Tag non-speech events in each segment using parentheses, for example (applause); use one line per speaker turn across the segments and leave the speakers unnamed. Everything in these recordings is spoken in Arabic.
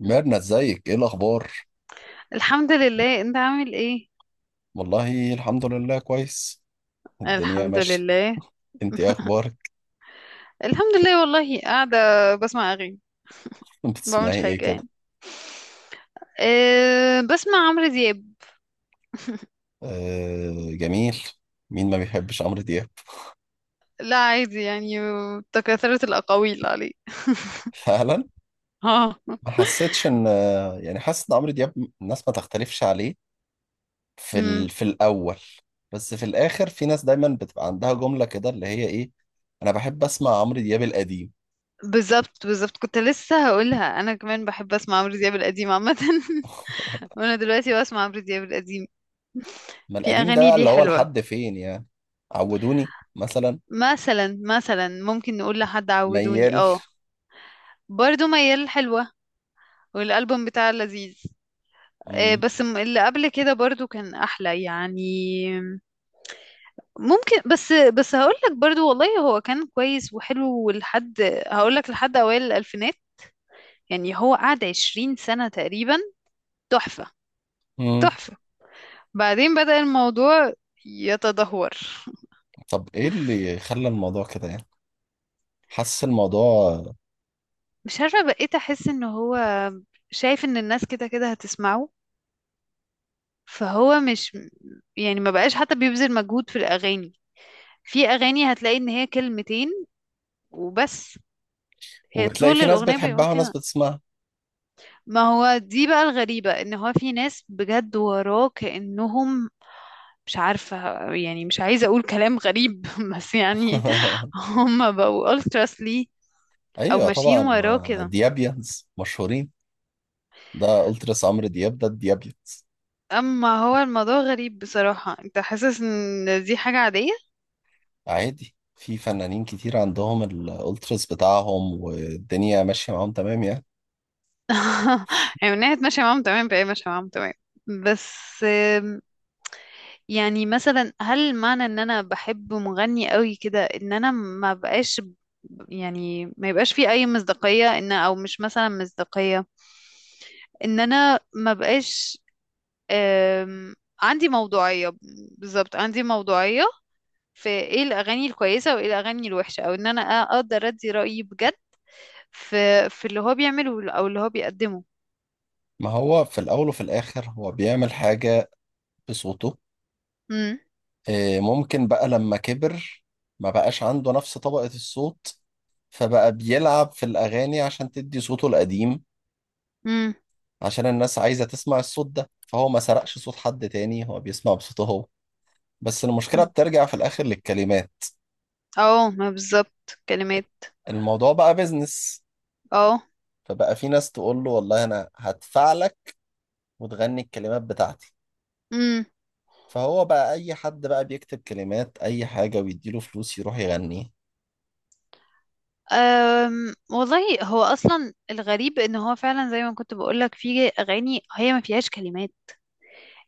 ميرنا ازيك؟ ايه الاخبار؟
الحمد لله، انت عامل ايه؟
والله الحمد لله، كويس. الدنيا
الحمد
ماشيه.
لله.
انت ايه اخبارك؟
الحمد لله، والله قاعدة بسمع اغاني.
(laughs)
ما بعملش
بتسمعي ايه
حاجة
كده؟
يعني. أه، بسمع عمرو دياب.
آه جميل. مين ما بيحبش عمرو دياب؟
لا، عادي يعني. تكاثرت الأقاويل عليه.
(laughs) فعلا.
اه.
ما حسيتش ان، يعني حاسس ان عمرو دياب الناس ما تختلفش عليه في
امم.
في الاول، بس في الاخر في ناس دايما بتبقى عندها جمله كده اللي هي ايه: انا بحب اسمع عمرو دياب القديم.
بالظبط بالظبط، كنت لسه هقولها انا كمان بحب اسمع عمرو دياب القديم عامة. (laughs) وانا دلوقتي بسمع عمرو دياب القديم.
ما
في
القديم ده
اغاني
بقى
ليه
اللي هو
حلوة.
لحد فين يعني؟ عودوني مثلا،
مثلا مثلا، ممكن نقول لحد عودوني.
ميال.
اه. برضو ميال حلوة. والالبوم بتاع لذيذ. آه،
مم.
بس اللي قبل كده برضو كان احلى يعني. ممكن بس هقول لك برضو، والله هو كان كويس وحلو لحد. هقول لك لحد اوائل الالفينات. يعني هو قعد 20 سنة تقريبا. تحفة.
مم.
تحفة. بعدين بدأ الموضوع يتدهور.
طب ايه اللي خلى الموضوع كده يعني؟ حاسس الموضوع.
مش عارفة، بقيت احس ان هو شايف ان الناس كده كده هتسمعه. فهو مش، يعني ما بقاش حتى بيبذل مجهود في الاغاني. في اغاني هتلاقي ان هي كلمتين وبس. هي
وبتلاقي
طول
في ناس
الأغنية بيقول
بتحبها وناس
كده.
بتسمعها.
ما هو دي بقى الغريبة، ان هو في ناس بجد وراه كأنهم. مش عارفة. يعني مش عايزة اقول كلام غريب (laughs) بس يعني.
(laughs)
هم بقوا ultras ليه. او
ايوه
ماشيين
طبعا،
وراه
ما
كده.
ديابيانز مشهورين. ده التراس عمرو دياب، ده الديابيانز.
اما هو الموضوع غريب بصراحة، انت حاسس ان دي حاجة عادية؟
عادي، في فنانين كتير عندهم الالتراس بتاعهم والدنيا ماشيه معاهم تمام يعني.
(laughs) يعني من ناحية ماشية معاهم تمام بقى ماشية معاهم تمام. بس. يعني مثلا هل معنى ان انا بحب مغني قوي كده ان انا ما بقاش يعني ما يبقاش في اي مصداقية، ان او مش مثلا مصداقية ان انا ما بقاش. آم، عندي موضوعية. بالظبط عندي موضوعية. في ايه الاغاني الكويسة وايه الاغاني الوحشة، او ان انا اقدر ادي رأيي بجد في في اللي هو بيعمله او اللي هو بيقدمه.
ما هو في الاول وفي الاخر هو بيعمل حاجه بصوته.
امم.
إيه، ممكن بقى لما كبر ما بقاش عنده نفس طبقه الصوت، فبقى بيلعب في الاغاني عشان تدي صوته القديم.
امم.
عشان الناس عايزة تسمع الصوت ده، فهو ما سرقش صوت حد تاني، هو بيسمع بصوته هو. بس المشكلة بترجع في الآخر للكلمات.
اه، ما بالظبط كلمات.
الموضوع بقى بيزنس.
اه.
فبقى في ناس تقول له والله أنا هدفع لك، وتغني الكلمات بتاعتي. فهو بقى أي حد بقى بيكتب كلمات أي حاجة ويديله فلوس يروح يغنيه.
والله هو اصلا الغريب ان هو فعلا زي ما كنت بقولك، في اغاني هي ما فيهاش كلمات.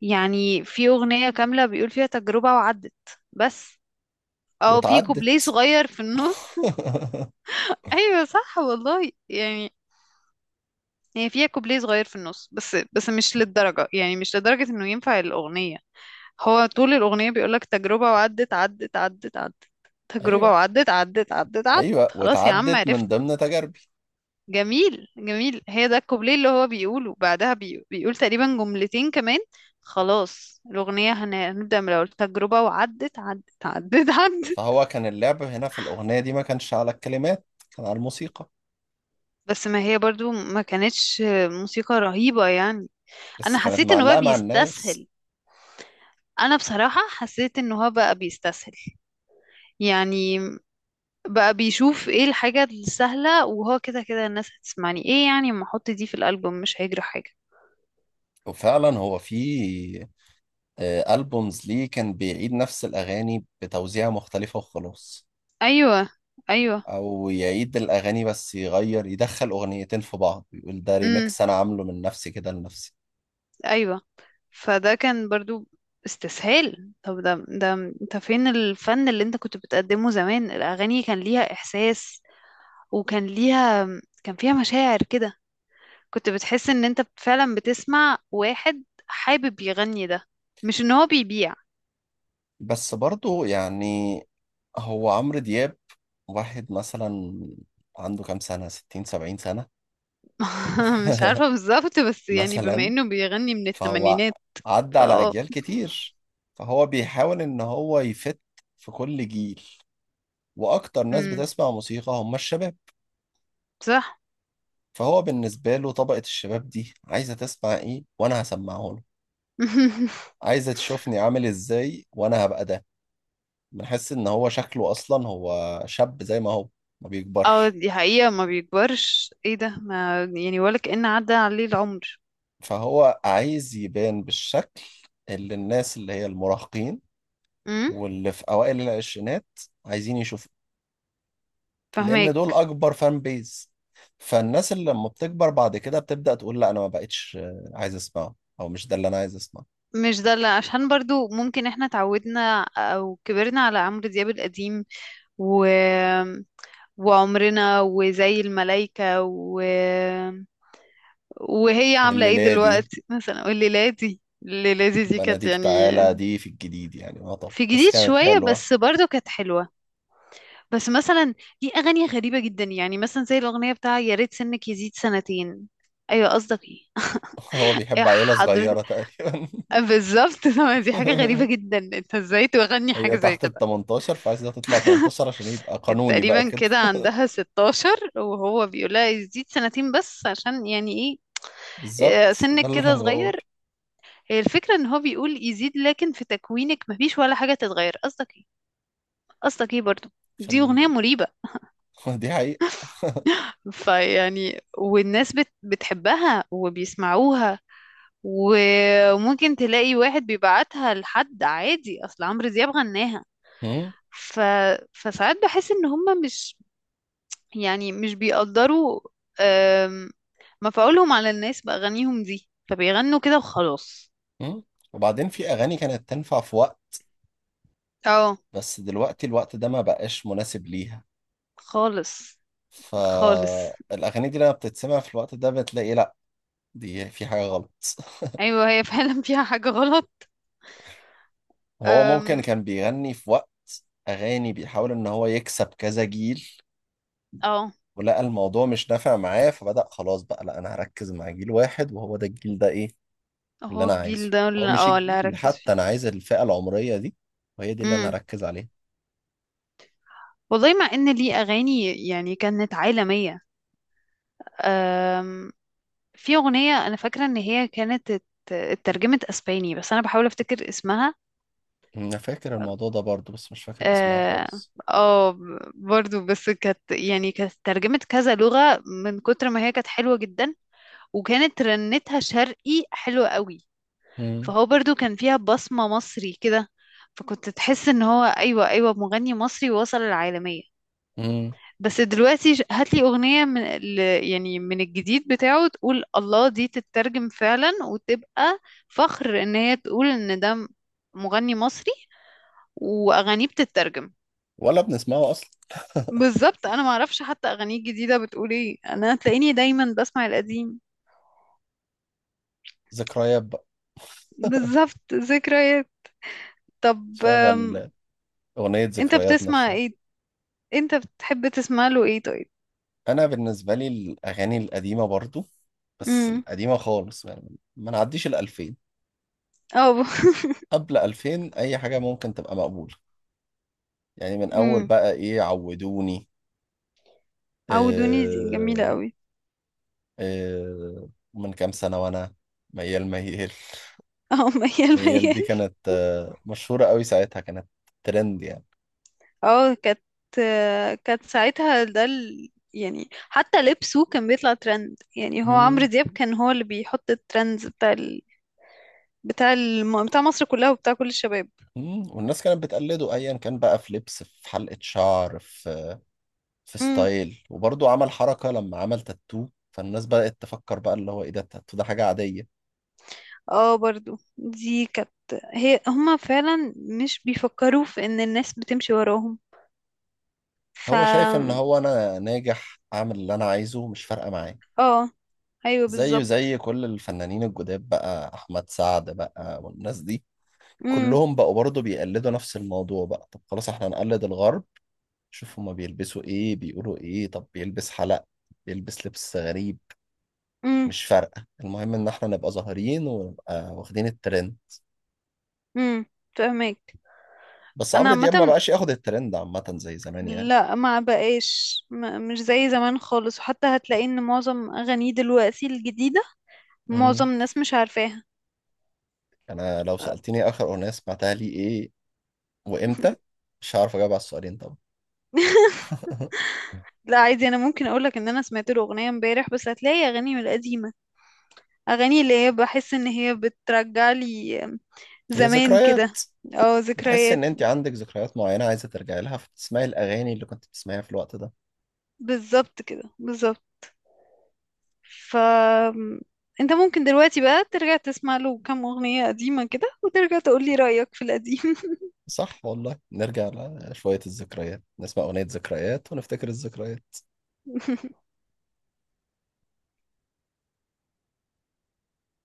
يعني في اغنية كاملة بيقول فيها تجربة وعدت. بس. او في كوبليه
واتعدت.
صغير في النص.
(laughs)
(laughs) ايوه، صح والله يعني. هي فيها كوبليه صغير في النص، بس مش للدرجة، يعني مش لدرجة انه ينفع الاغنية. هو طول الاغنية بيقولك تجربة وعدت عدت عدت عدت. تجربة
أيوه،
وعدت عدت عدت عدت،
أيوه،
خلاص يا عم
واتعدت من
عرفنا.
ضمن تجاربي.
جميل جميل، هي ده الكوبليه اللي هو بيقوله بعدها بيقول تقريبا جملتين كمان. خلاص الأغنية هنبدأ من الأول، تجربة وعدت عدت عدت (laughs) عدت.
فهو كان اللعب هنا في الأغنية دي ما كانش على الكلمات، كان على الموسيقى.
بس ما هي برضو ما كانتش موسيقى رهيبة يعني. أنا
بس كانت
حسيت إنه بقى
معلقة مع الناس.
بيستسهل. أنا بصراحة حسيت إنه هو بقى بيستسهل. يعني بقى بيشوف إيه الحاجة السهلة، وهو كده كده الناس هتسمعني إيه، يعني ما أحط دي في الألبوم مش هيجري حاجة.
وفعلا هو في آه، ألبومز ليه كان بيعيد نفس الأغاني بتوزيعة مختلفة وخلاص.
أيوة. أيوة.
أو يعيد الأغاني بس يغير، يدخل أغنيتين في بعض يقول ده
امم.
ريميكس أنا عامله من نفسي كده لنفسي.
أيوة. فده كان برضو استسهال. طب ده، انت فين الفن اللي انت كنت بتقدمه زمان؟ الأغاني كان ليها إحساس، وكان ليها، كان فيها مشاعر كده. كنت بتحس ان انت فعلا بتسمع واحد حابب يغني ده، مش ان هو بيبيع.
بس برضه يعني، هو عمرو دياب واحد مثلا عنده كام سنة؟ ستين سبعين سنة؟
(laughs) مش
(laughs)
عارفة بالظبط، بس يعني بما
مثلا،
انه بيغني من
فهو
الثمانينات.
عدى على
فاه.
أجيال كتير. فهو بيحاول إن هو يفت في كل جيل، وأكتر ناس
امم.
بتسمع موسيقى هم الشباب.
صح.
فهو بالنسبة له طبقة الشباب دي عايزة تسمع ايه وانا هسمعه له.
(laughs)
عايزة تشوفني عامل ازاي وانا هبقى ده. بنحس ان هو شكله اصلا هو شاب زي ما هو، ما
اه،
بيكبرش.
دي حقيقة، ما بيكبرش، ايه ده، ما يعني ولا كأن عدى عليه العمر.
فهو عايز يبان بالشكل اللي الناس اللي هي المراهقين
امم.
واللي في اوائل العشرينات عايزين يشوفوا. لان دول
فاهمك.
اكبر فان بيز. فالناس اللي لما بتكبر بعد كده بتبدأ تقول لا انا ما بقتش عايز اسمعه، او مش ده اللي انا عايز اسمعه.
مش ده اللي، عشان برضو ممكن احنا اتعودنا او كبرنا على عمرو دياب القديم و... وعمرنا وزي الملايكة وهي عاملة ايه
والليلة دي،
دلوقتي مثلا، والليلادي الليلادي دي كانت
بناديك
يعني.
تعالى دي في الجديد يعني
في
يعتبر، بس
جديد
كانت
شوية
حلوة.
بس برضو كانت حلوة. بس مثلا، دي أغاني غريبة جدا، يعني مثلا زي الأغنية بتاع يا ريت سنك يزيد سنتين. أيوة قصدك ايه؟
(laughs) هو
(laughs) إيه
بيحب عيلة
حضرتك؟
صغيرة تقريبا.
بالظبط. (laughs) دي حاجة غريبة جدا، انت ازاي تغني
(laughs)
حاجة
هي
زي
تحت ال
كده؟
18، فعايزة تطلع 18
(laughs)
عشان يبقى
كانت
قانوني بقى
تقريبا
كده.
كده عندها 16، وهو بيقول لها يزيد سنتين، بس عشان يعني
(laughs)
ايه؟ آه،
بالظبط، ده
سنك
اللي
كده
انا بقول.
صغير. هي الفكرة ان هو بيقول يزيد، لكن في تكوينك مفيش ولا حاجة تتغير، قصدك ايه؟ قصدك ايه برضو؟
في
دي أغنية مريبة.
(laughs) دي حقيقة.
فيعني والناس بتحبها وبيسمعوها. وممكن تلاقي واحد بيبعتها لحد، عادي اصل عمرو دياب غناها.
مم.
ف... فساعات بحس ان هم مش، يعني مش بيقدروا. آم، مفعولهم على الناس بأغانيهم دي، فبيغنوا كده وخلاص.
مم. وبعدين في أغاني كانت تنفع في وقت،
اه.
بس دلوقتي الوقت ده ما بقاش مناسب ليها.
خالص. خالص.
فالأغاني دي لما بتتسمع في الوقت ده بتلاقي لأ، دي في حاجة غلط. (laughs)
ايوه، هي (laughs) فعلا فيها حاجة غلط.
هو ممكن
أم.
كان بيغني في وقت أغاني بيحاول إن هو يكسب كذا جيل،
اه،
ولقى الموضوع مش نافع معاه، فبدأ خلاص بقى لا أنا هركز مع جيل واحد، وهو ده الجيل، ده إيه اللي
هو
أنا
الجيل
عايزه.
ده
أو
اللي
مش
اللي
الجيل
هركز فيه.
حتى، أنا عايز الفئة العمرية دي، وهي دي اللي أنا
امم.
هركز عليها.
والله مع ان ليه اغاني يعني كانت عالمية. أم. في اغنية انا فاكرة ان هي كانت اترجمت اسباني، بس انا بحاول افتكر اسمها.
أنا فاكر الموضوع ده برضه، بس مش فاكر اسمها
اه.
خالص.
آه. برضو بس كانت يعني كانت ترجمة كذا لغة، من كتر ما هي كانت حلوة جدا. وكانت رنتها شرقي حلوة قوي.
مم.
فهو برضو كان فيها بصمة مصري كده. فكنت تحس ان هو، ايوه ايوه، مغني مصري وصل العالمية.
مم.
بس دلوقتي هاتلي اغنية يعني من الجديد بتاعه، تقول الله دي تترجم فعلا، وتبقى فخر ان هي تقول ان ده مغني مصري، واغانيه بتترجم.
ولا بنسمعه أصلا. (laughs)
بالظبط، انا ما اعرفش حتى اغانيه الجديده بتقول ايه، انا تلاقيني دايما بسمع القديم.
ذكريات بقى.
بالظبط، ذكريات. طب
شغل أغنية
انت
ذكريات
بتسمع
نفسها.
ايه؟ انت بتحب تسمع له ايه طيب؟
انا بالنسبه لي الاغاني القديمه برضو، بس
امم.
القديمه خالص، يعني ما نعديش الألفين.
اه، (laughs)
قبل ألفين اي حاجه ممكن تبقى مقبوله. يعني من اول
امم.
بقى ايه، عودوني.
عودوني دي جميله
آه،
قوي.
آه، من كام سنه وانا، ميال ميال.
اه. (laughs) ميال
ميال دي
ميال.
كانت آه، مشهوره قوي ساعتها، كانت ترند يعني.
اه كانت، آه، كانت ساعتها ده يعني حتى لبسه كان بيطلع ترند، يعني هو عمرو
مم،
دياب كان هو اللي بيحط الترندز بتاع مصر كلها وبتاع كل الشباب.
والناس كانت بتقلده ايا كان بقى، في لبس، في حلقه شعر، في في ستايل. وبرضه عمل حركة لما عمل تاتو، فالناس بدأت تفكر بقى اللي هو ايه ده، التاتو ده حاجة عادية.
اه، برضو دي كانت، هما فعلا مش بيفكروا في ان الناس بتمشي وراهم. ف
هو شايف ان هو انا ناجح اعمل اللي انا عايزه، مش فارقة معايا.
اه، ايوه
زيه
بالظبط.
زي كل الفنانين الجداد بقى، احمد سعد بقى والناس دي،
امم.
كلهم بقوا برضه بيقلدوا نفس الموضوع. بقى طب خلاص احنا هنقلد الغرب. شوف هما بيلبسوا ايه، بيقولوا ايه. طب بيلبس حلق، بيلبس لبس غريب،
امم.
مش فارقة، المهم ان احنا نبقى ظاهرين ونبقى واخدين الترند.
امم. فاهمك.
بس
انا
عمرو دياب ما
عامه،
بقاش ياخد الترند عامة زي زمان يعني.
لا ما بقاش، ما مش زي زمان خالص، وحتى هتلاقي ان معظم اغانيه دلوقتي الجديده،
مم.
معظم الناس مش عارفاها.
انا لو سألتني اخر اغنية سمعتها لي ايه وامتى، مش هعرف اجاوب على السؤالين طبعا. (laughs)
لا، عادي انا ممكن اقولك ان انا سمعت له اغنيه امبارح، بس هتلاقي اغاني من القديمه، اغاني اللي هي بحس ان هي بترجع لي
هي
زمان كده.
ذكريات.
اه،
بتحس ان
ذكريات.
انت عندك ذكريات معينة عايزة ترجعي لها، فتسمعي الاغاني اللي كنت بتسمعيها في الوقت ده.
بالظبط كده بالظبط. ف انت ممكن دلوقتي بقى ترجع تسمع له كام اغنية قديمة كده، وترجع تقولي رأيك في القديم.
صح والله، نرجع لشوية الذكريات، نسمع اغنية ذكريات ونفتكر الذكريات.